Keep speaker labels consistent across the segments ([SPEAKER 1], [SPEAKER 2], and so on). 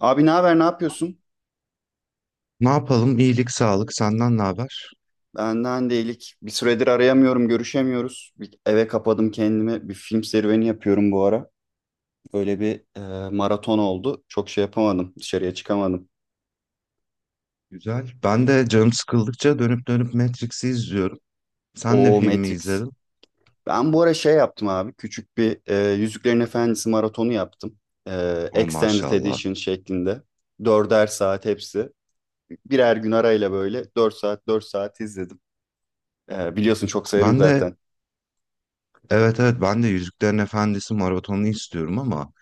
[SPEAKER 1] Abi ne haber, ne yapıyorsun?
[SPEAKER 2] Ne yapalım? İyilik, sağlık. Senden ne haber?
[SPEAKER 1] Benden değilik. Bir süredir arayamıyorum, görüşemiyoruz. Bir eve kapadım kendimi. Bir film serüveni yapıyorum bu ara. Böyle bir maraton oldu. Çok şey yapamadım, dışarıya çıkamadım.
[SPEAKER 2] Güzel. Ben de canım sıkıldıkça dönüp dönüp Matrix'i izliyorum. Sen ne
[SPEAKER 1] O
[SPEAKER 2] filmi
[SPEAKER 1] Matrix.
[SPEAKER 2] izledin?
[SPEAKER 1] Ben bu ara şey yaptım abi. Küçük bir Yüzüklerin Efendisi maratonu yaptım. E,
[SPEAKER 2] Oh
[SPEAKER 1] Extended
[SPEAKER 2] maşallah.
[SPEAKER 1] Edition şeklinde. Dörder saat hepsi. Birer gün arayla böyle 4 saat 4 saat izledim. Biliyorsun çok severim
[SPEAKER 2] Ben de
[SPEAKER 1] zaten.
[SPEAKER 2] evet evet ben de Yüzüklerin Efendisi maratonunu istiyorum ama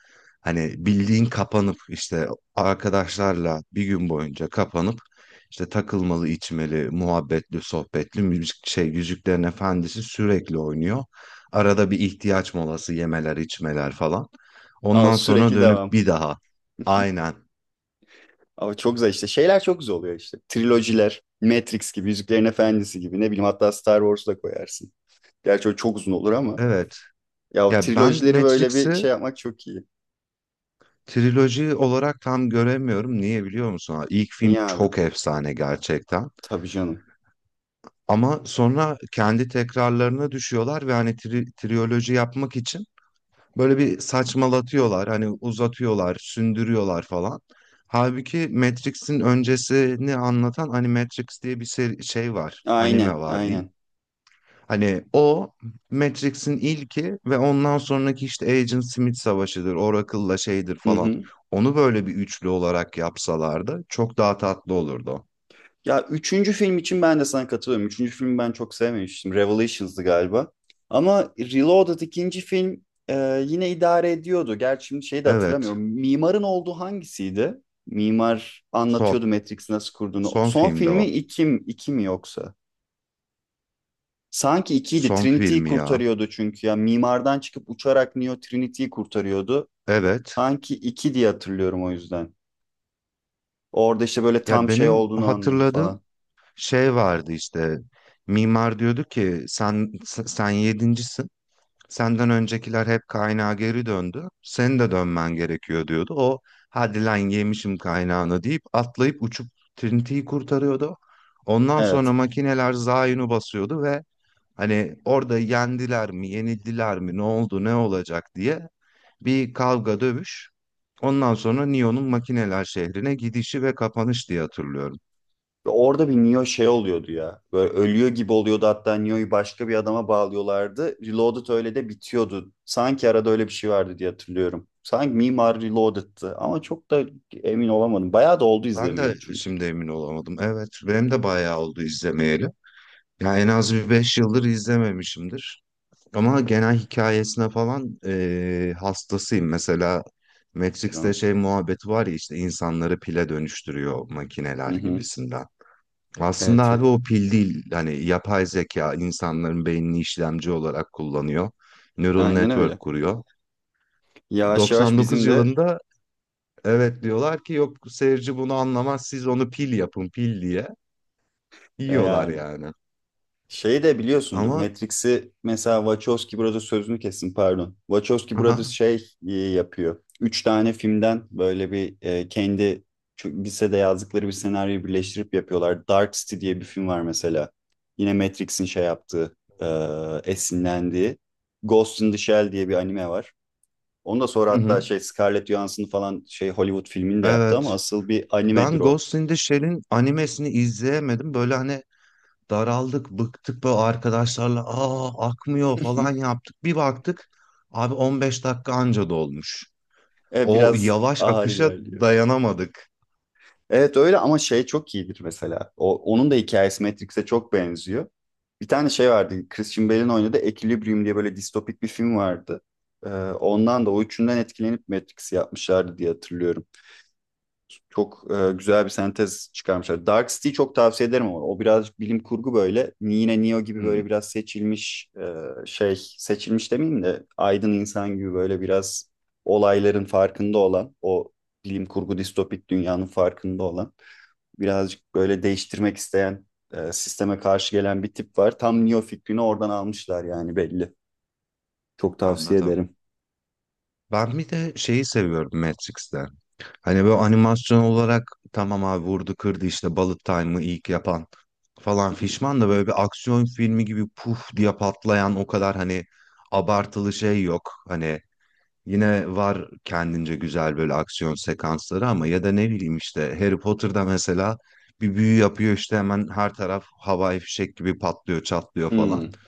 [SPEAKER 2] hani bildiğin kapanıp işte arkadaşlarla bir gün boyunca kapanıp işte takılmalı, içmeli, muhabbetli, sohbetli müzik şey Yüzüklerin Efendisi sürekli oynuyor. Arada bir ihtiyaç molası yemeler, içmeler falan.
[SPEAKER 1] Ama
[SPEAKER 2] Ondan sonra
[SPEAKER 1] sürekli
[SPEAKER 2] dönüp
[SPEAKER 1] devam.
[SPEAKER 2] bir daha. Aynen.
[SPEAKER 1] Ama çok güzel işte. Şeyler çok güzel oluyor işte. Trilojiler, Matrix gibi, Yüzüklerin Efendisi gibi. Ne bileyim hatta Star Wars da koyarsın. Gerçi o çok uzun olur ama.
[SPEAKER 2] Evet.
[SPEAKER 1] Ya o
[SPEAKER 2] Ya ben
[SPEAKER 1] trilojileri böyle bir
[SPEAKER 2] Matrix'i
[SPEAKER 1] şey yapmak çok iyi.
[SPEAKER 2] triloji olarak tam göremiyorum. Niye biliyor musun? İlk
[SPEAKER 1] Niye
[SPEAKER 2] film
[SPEAKER 1] abi?
[SPEAKER 2] çok efsane gerçekten.
[SPEAKER 1] Tabii canım.
[SPEAKER 2] Ama sonra kendi tekrarlarına düşüyorlar ve hani triyoloji yapmak için böyle bir saçmalatıyorlar. Hani uzatıyorlar, sündürüyorlar falan. Halbuki Matrix'in öncesini anlatan hani Matrix diye bir şey var, anime
[SPEAKER 1] Aynen,
[SPEAKER 2] var diyeyim.
[SPEAKER 1] aynen.
[SPEAKER 2] Hani o Matrix'in ilki ve ondan sonraki işte Agent Smith savaşıdır, Oracle'la şeydir
[SPEAKER 1] Hı
[SPEAKER 2] falan.
[SPEAKER 1] hı.
[SPEAKER 2] Onu böyle bir üçlü olarak yapsalardı çok daha tatlı olurdu.
[SPEAKER 1] Ya üçüncü film için ben de sana katılıyorum. Üçüncü filmi ben çok sevmemiştim. Revelations'dı galiba. Ama Reloaded ikinci film yine idare ediyordu. Gerçi şimdi şeyi de hatırlamıyorum.
[SPEAKER 2] Evet,
[SPEAKER 1] Mimarın olduğu hangisiydi? Mimar anlatıyordu
[SPEAKER 2] son.
[SPEAKER 1] Matrix'i nasıl kurduğunu.
[SPEAKER 2] Son
[SPEAKER 1] Son
[SPEAKER 2] filmde o.
[SPEAKER 1] filmi iki mi yoksa? Sanki ikiydi.
[SPEAKER 2] Son
[SPEAKER 1] Trinity'yi
[SPEAKER 2] filmi ya.
[SPEAKER 1] kurtarıyordu çünkü. Ya mimardan çıkıp uçarak Neo Trinity'yi kurtarıyordu.
[SPEAKER 2] Evet.
[SPEAKER 1] Sanki iki diye hatırlıyorum o yüzden. Orada işte böyle
[SPEAKER 2] Ya
[SPEAKER 1] tam şey
[SPEAKER 2] benim
[SPEAKER 1] olduğunu anlıyordu
[SPEAKER 2] hatırladığım
[SPEAKER 1] falan.
[SPEAKER 2] şey vardı işte. Mimar diyordu ki sen yedincisin. Senden öncekiler hep kaynağa geri döndü. Senin de dönmen gerekiyor diyordu. O hadi lan yemişim kaynağını deyip atlayıp uçup Trinity'yi kurtarıyordu. Ondan sonra
[SPEAKER 1] Evet.
[SPEAKER 2] makineler Zion'u basıyordu ve hani orada yendiler mi, yenildiler mi, ne oldu, ne olacak diye bir kavga dövüş. Ondan sonra Neo'nun makineler şehrine gidişi ve kapanış diye hatırlıyorum.
[SPEAKER 1] Orada bir Neo şey oluyordu ya. Böyle ölüyor gibi oluyordu hatta Neo'yu başka bir adama bağlıyorlardı. Reloaded öyle de bitiyordu. Sanki arada öyle bir şey vardı diye hatırlıyorum. Sanki Mimar Reloaded'tı ama çok da emin olamadım. Bayağı da oldu
[SPEAKER 2] Ben de
[SPEAKER 1] izlemeyeli çünkü
[SPEAKER 2] şimdi emin olamadım. Evet, benim de bayağı oldu izlemeyeli. Ya en az bir 5 yıldır izlememişimdir. Ama genel hikayesine falan hastasıyım. Mesela Matrix'te
[SPEAKER 1] canım.
[SPEAKER 2] şey muhabbeti var ya işte insanları pile dönüştürüyor makineler
[SPEAKER 1] Hı hı.
[SPEAKER 2] gibisinden. Aslında
[SPEAKER 1] Evet,
[SPEAKER 2] abi o pil değil. Hani yapay zeka insanların beynini işlemci olarak kullanıyor. Neural
[SPEAKER 1] aynen öyle.
[SPEAKER 2] network kuruyor.
[SPEAKER 1] Yavaş yavaş
[SPEAKER 2] 99
[SPEAKER 1] bizim de
[SPEAKER 2] yılında evet diyorlar ki yok seyirci bunu anlamaz siz onu pil yapın pil diye. Yiyorlar
[SPEAKER 1] yani,
[SPEAKER 2] yani.
[SPEAKER 1] şeyi de biliyorsundur.
[SPEAKER 2] Ama
[SPEAKER 1] Matrix'i mesela Wachowski Brothers sözünü kessin, pardon. Wachowski Brothers
[SPEAKER 2] aha.
[SPEAKER 1] şey yapıyor. Üç tane filmden böyle bir kendi lisede yazdıkları bir senaryoyu birleştirip yapıyorlar. Dark City diye bir film var mesela. Yine Matrix'in şey yaptığı, e, esinlendiği. Ghost in the Shell diye bir anime var. Onu da sonra
[SPEAKER 2] Hı
[SPEAKER 1] hatta
[SPEAKER 2] hı.
[SPEAKER 1] şey Scarlett Johansson falan şey Hollywood filmini de yaptı ama
[SPEAKER 2] Evet.
[SPEAKER 1] asıl bir animedir
[SPEAKER 2] Ben
[SPEAKER 1] o.
[SPEAKER 2] Ghost in the Shell'in animesini izleyemedim. Böyle hani daraldık, bıktık böyle arkadaşlarla akmıyor falan yaptık. Bir baktık abi 15 dakika anca dolmuş. O
[SPEAKER 1] Biraz
[SPEAKER 2] yavaş
[SPEAKER 1] ağır
[SPEAKER 2] akışa
[SPEAKER 1] ilerliyor.
[SPEAKER 2] dayanamadık.
[SPEAKER 1] Evet öyle ama şey çok iyidir mesela. O, onun da hikayesi Matrix'e çok benziyor. Bir tane şey vardı. Christian Bale'in oynadığı Equilibrium diye böyle distopik bir film vardı. Ondan da o üçünden etkilenip Matrix'i yapmışlardı diye hatırlıyorum. Çok güzel bir sentez çıkarmışlar. Dark City çok tavsiye ederim ama o birazcık bilim kurgu böyle. Yine Neo gibi
[SPEAKER 2] Hmm,
[SPEAKER 1] böyle biraz seçilmiş şey, seçilmiş demeyeyim de aydın insan gibi böyle biraz olayların farkında olan, o bilim kurgu distopik dünyanın farkında olan, birazcık böyle değiştirmek isteyen, sisteme karşı gelen bir tip var. Tam Neo fikrini oradan almışlar yani, belli. Çok tavsiye
[SPEAKER 2] anladım.
[SPEAKER 1] ederim.
[SPEAKER 2] Ben bir de şeyi seviyorum Matrix'te. Hani böyle animasyon olarak tamam abi vurdu kırdı işte Bullet Time'ı ilk yapan falan fişman da böyle bir aksiyon filmi gibi puf diye patlayan o kadar hani abartılı şey yok. Hani yine var kendince güzel böyle aksiyon sekansları ama ya da ne bileyim işte Harry Potter'da mesela bir büyü yapıyor işte hemen her taraf havai fişek gibi patlıyor, çatlıyor falan.
[SPEAKER 1] Hmm,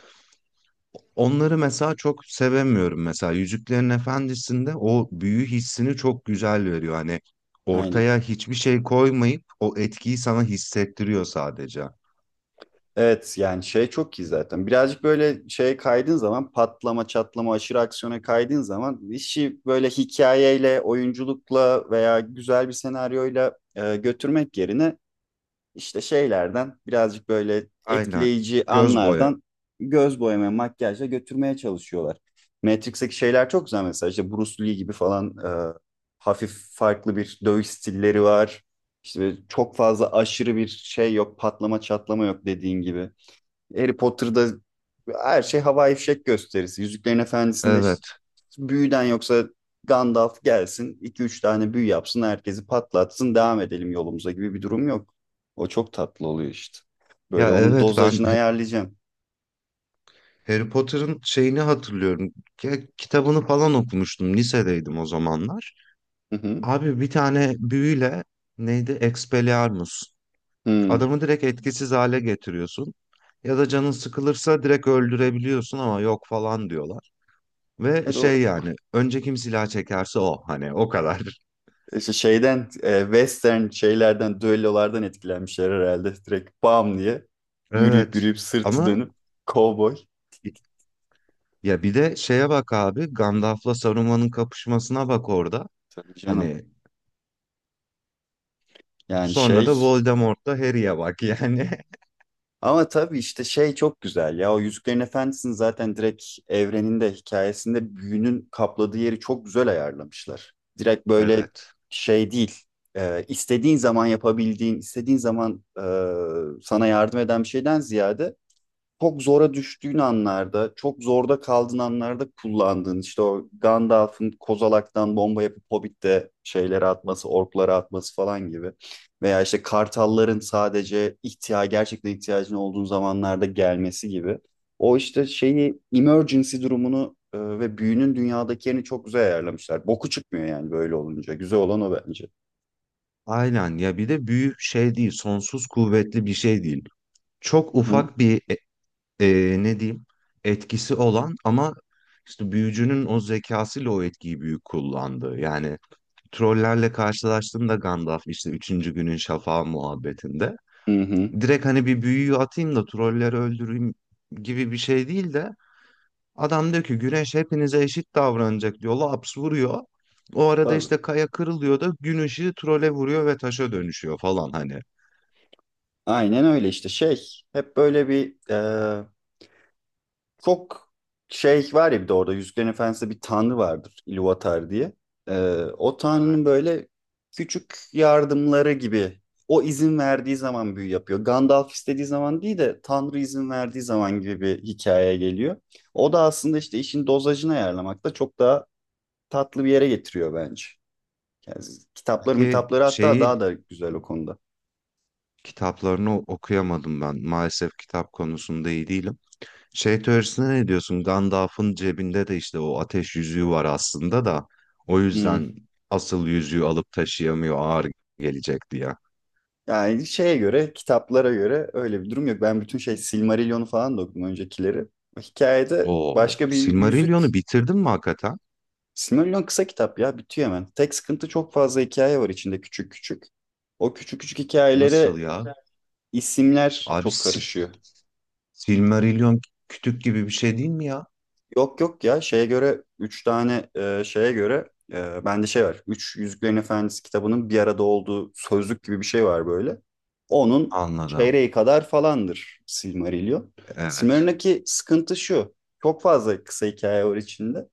[SPEAKER 2] Onları mesela çok sevemiyorum mesela Yüzüklerin Efendisi'nde o büyü hissini çok güzel veriyor. Hani
[SPEAKER 1] aynen.
[SPEAKER 2] ortaya hiçbir şey koymayıp o etkiyi sana hissettiriyor sadece.
[SPEAKER 1] Evet yani şey çok iyi zaten. Birazcık böyle şeye kaydığın zaman, patlama çatlama aşırı aksiyona kaydığın zaman işi böyle hikayeyle, oyunculukla veya güzel bir senaryoyla götürmek yerine İşte şeylerden, birazcık böyle
[SPEAKER 2] Aynen.
[SPEAKER 1] etkileyici
[SPEAKER 2] Göz boya.
[SPEAKER 1] anlardan, göz boyama, makyajla götürmeye çalışıyorlar. Matrix'teki şeyler çok güzel mesela, işte Bruce Lee gibi falan, hafif farklı bir dövüş stilleri var. İşte böyle çok fazla aşırı bir şey yok, patlama çatlama yok, dediğin gibi. Harry Potter'da her şey havai fişek gösterisi. Yüzüklerin Efendisi'nde işte
[SPEAKER 2] Evet.
[SPEAKER 1] büyüden yoksa Gandalf gelsin, iki üç tane büyü yapsın, herkesi patlatsın, devam edelim yolumuza gibi bir durum yok. O çok tatlı oluyor işte. Böyle
[SPEAKER 2] Ya
[SPEAKER 1] onun
[SPEAKER 2] evet ben
[SPEAKER 1] dozajını ayarlayacağım.
[SPEAKER 2] Harry Potter'ın şeyini hatırlıyorum. Ya, kitabını falan okumuştum. Lisedeydim o zamanlar.
[SPEAKER 1] Hı hı.
[SPEAKER 2] Abi bir tane büyüyle neydi? Expelliarmus.
[SPEAKER 1] Hı.
[SPEAKER 2] Adamı direkt etkisiz hale getiriyorsun. Ya da canın sıkılırsa direkt öldürebiliyorsun ama yok falan diyorlar. Ve
[SPEAKER 1] Evet, o
[SPEAKER 2] şey yani önce kim silah çekerse o hani o kadar.
[SPEAKER 1] işte şeyden western şeylerden, düellolardan etkilenmişler herhalde. Direkt bam diye yürüyüp
[SPEAKER 2] Evet
[SPEAKER 1] yürüyüp, sırtı
[SPEAKER 2] ama
[SPEAKER 1] dönüp kovboy.
[SPEAKER 2] ya bir de şeye bak abi Gandalf'la Saruman'ın kapışmasına bak orada.
[SPEAKER 1] Tabii canım.
[SPEAKER 2] Hani
[SPEAKER 1] Yani
[SPEAKER 2] sonra da
[SPEAKER 1] şey.
[SPEAKER 2] Voldemort'la Harry'e bak yani.
[SPEAKER 1] Ama tabii işte şey çok güzel ya. O Yüzüklerin Efendisi'nin zaten direkt evreninde, hikayesinde büyünün kapladığı yeri çok güzel ayarlamışlar. Direkt böyle
[SPEAKER 2] Evet.
[SPEAKER 1] şey değil. İstediğin zaman yapabildiğin, istediğin zaman sana yardım eden bir şeyden ziyade, çok zora düştüğün anlarda, çok zorda kaldığın anlarda kullandığın, işte o Gandalf'ın kozalaktan bomba yapıp Hobbit'te şeyleri atması, orklara atması falan gibi. Veya işte kartalların sadece gerçekten ihtiyacın olduğun zamanlarda gelmesi gibi. O işte şeyi, emergency durumunu ve büyünün dünyadaki yerini çok güzel ayarlamışlar. Boku çıkmıyor yani böyle olunca. Güzel olan o bence.
[SPEAKER 2] Aynen ya bir de büyük şey değil, sonsuz kuvvetli bir şey değil. Çok
[SPEAKER 1] Hı
[SPEAKER 2] ufak bir ne diyeyim etkisi olan ama işte büyücünün o zekasıyla o etkiyi büyük kullandı. Yani trollerle karşılaştığında Gandalf işte üçüncü günün şafağı muhabbetinde
[SPEAKER 1] hı. Hı.
[SPEAKER 2] direkt hani bir büyüyü atayım da trolleri öldüreyim gibi bir şey değil de adam diyor ki güneş hepinize eşit davranacak diyor. Laps vuruyor. O arada
[SPEAKER 1] Tabii.
[SPEAKER 2] işte kaya kırılıyor da gün ışığı trole vuruyor ve taşa dönüşüyor falan hani.
[SPEAKER 1] Aynen öyle işte şey, hep böyle bir. Çok şey var ya, bir de orada Yüzüklerin Efendisi'nde bir tanrı vardır, Ilúvatar diye. Ee, O tanrının
[SPEAKER 2] Evet.
[SPEAKER 1] böyle küçük yardımları gibi, o izin verdiği zaman büyü yapıyor. Gandalf istediği zaman değil de tanrı izin verdiği zaman gibi bir hikaye geliyor. O da aslında işte işin dozajını ayarlamakta çok daha tatlı bir yere getiriyor bence. Yani kitapları
[SPEAKER 2] Peki
[SPEAKER 1] mitapları hatta daha
[SPEAKER 2] şeyi
[SPEAKER 1] da güzel o konuda.
[SPEAKER 2] kitaplarını okuyamadım ben. Maalesef kitap konusunda iyi değilim. Şey teorisine ne diyorsun? Gandalf'ın cebinde de işte o ateş yüzüğü var aslında da o
[SPEAKER 1] Hmm.
[SPEAKER 2] yüzden asıl yüzüğü alıp taşıyamıyor ağır gelecek diye.
[SPEAKER 1] Yani şeye göre, kitaplara göre öyle bir durum yok. Ben bütün şey Silmarillion'u falan da okudum, öncekileri. Hikayede
[SPEAKER 2] Oo,
[SPEAKER 1] başka bir
[SPEAKER 2] Silmarillion'u
[SPEAKER 1] yüzük.
[SPEAKER 2] bitirdin mi hakikaten?
[SPEAKER 1] Silmarillion kısa kitap ya, bitiyor hemen. Tek sıkıntı, çok fazla hikaye var içinde, küçük küçük. O küçük küçük
[SPEAKER 2] Nasıl
[SPEAKER 1] hikayelere
[SPEAKER 2] ya?
[SPEAKER 1] isimler
[SPEAKER 2] Abi
[SPEAKER 1] çok
[SPEAKER 2] Si-
[SPEAKER 1] karışıyor.
[SPEAKER 2] Silmarillion kütük gibi bir şey değil mi ya?
[SPEAKER 1] Yok yok ya, şeye göre 3 tane şeye göre bende şey var. Üç Yüzüklerin Efendisi kitabının bir arada olduğu sözlük gibi bir şey var böyle. Onun
[SPEAKER 2] Anladım.
[SPEAKER 1] çeyreği kadar falandır Silmarillion.
[SPEAKER 2] Evet.
[SPEAKER 1] Silmarillion'daki sıkıntı şu. Çok fazla kısa hikaye var içinde.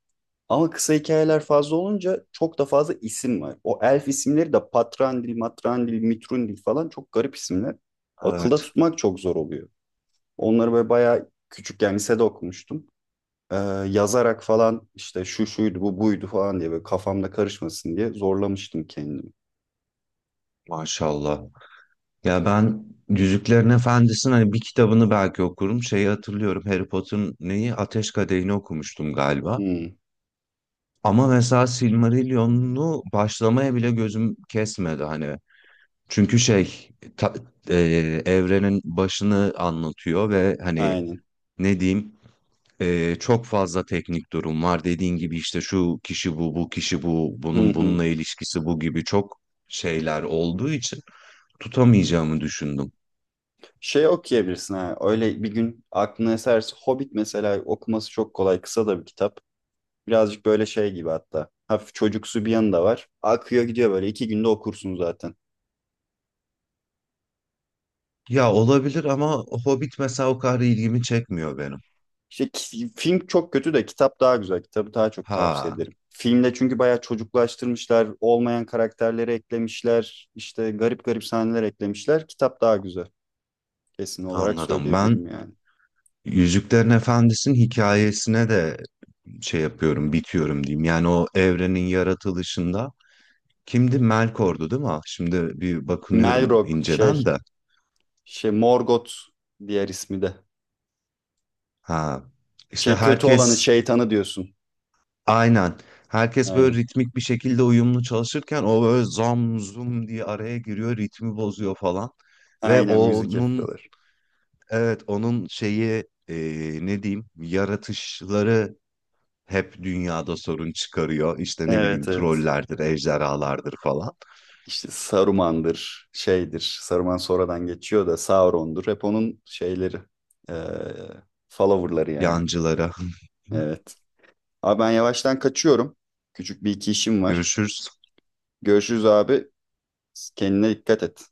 [SPEAKER 1] Ama kısa hikayeler fazla olunca çok da fazla isim var. O elf isimleri de Patrandil, Matrandil, Mitrundil falan, çok garip isimler. Akılda
[SPEAKER 2] Evet.
[SPEAKER 1] tutmak çok zor oluyor. Onları böyle bayağı küçükken lisede okumuştum, e, yazarak falan işte şu şuydu bu buydu falan diye, böyle kafamda karışmasın diye zorlamıştım kendimi.
[SPEAKER 2] Maşallah. Ya ben Yüzüklerin Efendisi'nin hani bir kitabını belki okurum. Şeyi hatırlıyorum. Harry Potter'ın neyi? Ateş Kadehi'ni okumuştum galiba.
[SPEAKER 1] Hmm,
[SPEAKER 2] Ama mesela Silmarillion'u başlamaya bile gözüm kesmedi hani. Çünkü şey ta- e, evrenin başını anlatıyor ve hani
[SPEAKER 1] aynen.
[SPEAKER 2] ne diyeyim çok fazla teknik durum var. Dediğin gibi işte şu kişi bu, bu kişi bu,
[SPEAKER 1] Hı
[SPEAKER 2] bunun
[SPEAKER 1] hı.
[SPEAKER 2] bununla ilişkisi bu gibi çok şeyler olduğu için tutamayacağımı düşündüm.
[SPEAKER 1] Şey okuyabilirsin ha. Öyle bir gün aklına eserse Hobbit mesela, okuması çok kolay. Kısa da bir kitap. Birazcık böyle şey gibi hatta. Hafif çocuksu bir yanı da var. Akıyor gidiyor böyle. 2 günde okursun zaten.
[SPEAKER 2] Ya olabilir ama Hobbit mesela o kadar ilgimi çekmiyor benim.
[SPEAKER 1] İşte film çok kötü de kitap daha güzel. Kitabı daha çok tavsiye
[SPEAKER 2] Ha
[SPEAKER 1] ederim. Filmde çünkü bayağı çocuklaştırmışlar. Olmayan karakterleri eklemişler. İşte garip garip sahneler eklemişler. Kitap daha güzel. Kesin olarak
[SPEAKER 2] anladım. Ben
[SPEAKER 1] söyleyebilirim yani.
[SPEAKER 2] Yüzüklerin Efendisi'nin hikayesine de şey yapıyorum, bitiyorum diyeyim. Yani o evrenin yaratılışında kimdi? Melkor'du değil mi? Ah, şimdi bir bakınıyorum
[SPEAKER 1] Melrock
[SPEAKER 2] inceden
[SPEAKER 1] şey,
[SPEAKER 2] de.
[SPEAKER 1] şey Morgoth, diğer ismi de.
[SPEAKER 2] Ha işte
[SPEAKER 1] Şey, kötü olanı,
[SPEAKER 2] herkes
[SPEAKER 1] şeytanı diyorsun.
[SPEAKER 2] aynen. Herkes böyle
[SPEAKER 1] Aynen.
[SPEAKER 2] ritmik bir şekilde uyumlu çalışırken o böyle zam zum diye araya giriyor, ritmi bozuyor falan. Ve
[SPEAKER 1] Aynen, müzik
[SPEAKER 2] onun
[SPEAKER 1] yapıyorlar.
[SPEAKER 2] evet, onun şeyi ne diyeyim yaratışları hep dünyada sorun çıkarıyor. İşte ne bileyim
[SPEAKER 1] Evet evet.
[SPEAKER 2] trollerdir, ejderhalardır falan.
[SPEAKER 1] İşte Saruman'dır, şeydir. Saruman sonradan geçiyor da, Sauron'dur. Hep onun şeyleri. Ee, Follower'ları yani.
[SPEAKER 2] Yancılara.
[SPEAKER 1] Evet. Abi ben yavaştan kaçıyorum. Küçük bir iki işim var.
[SPEAKER 2] Görüşürüz.
[SPEAKER 1] Görüşürüz abi. Kendine dikkat et.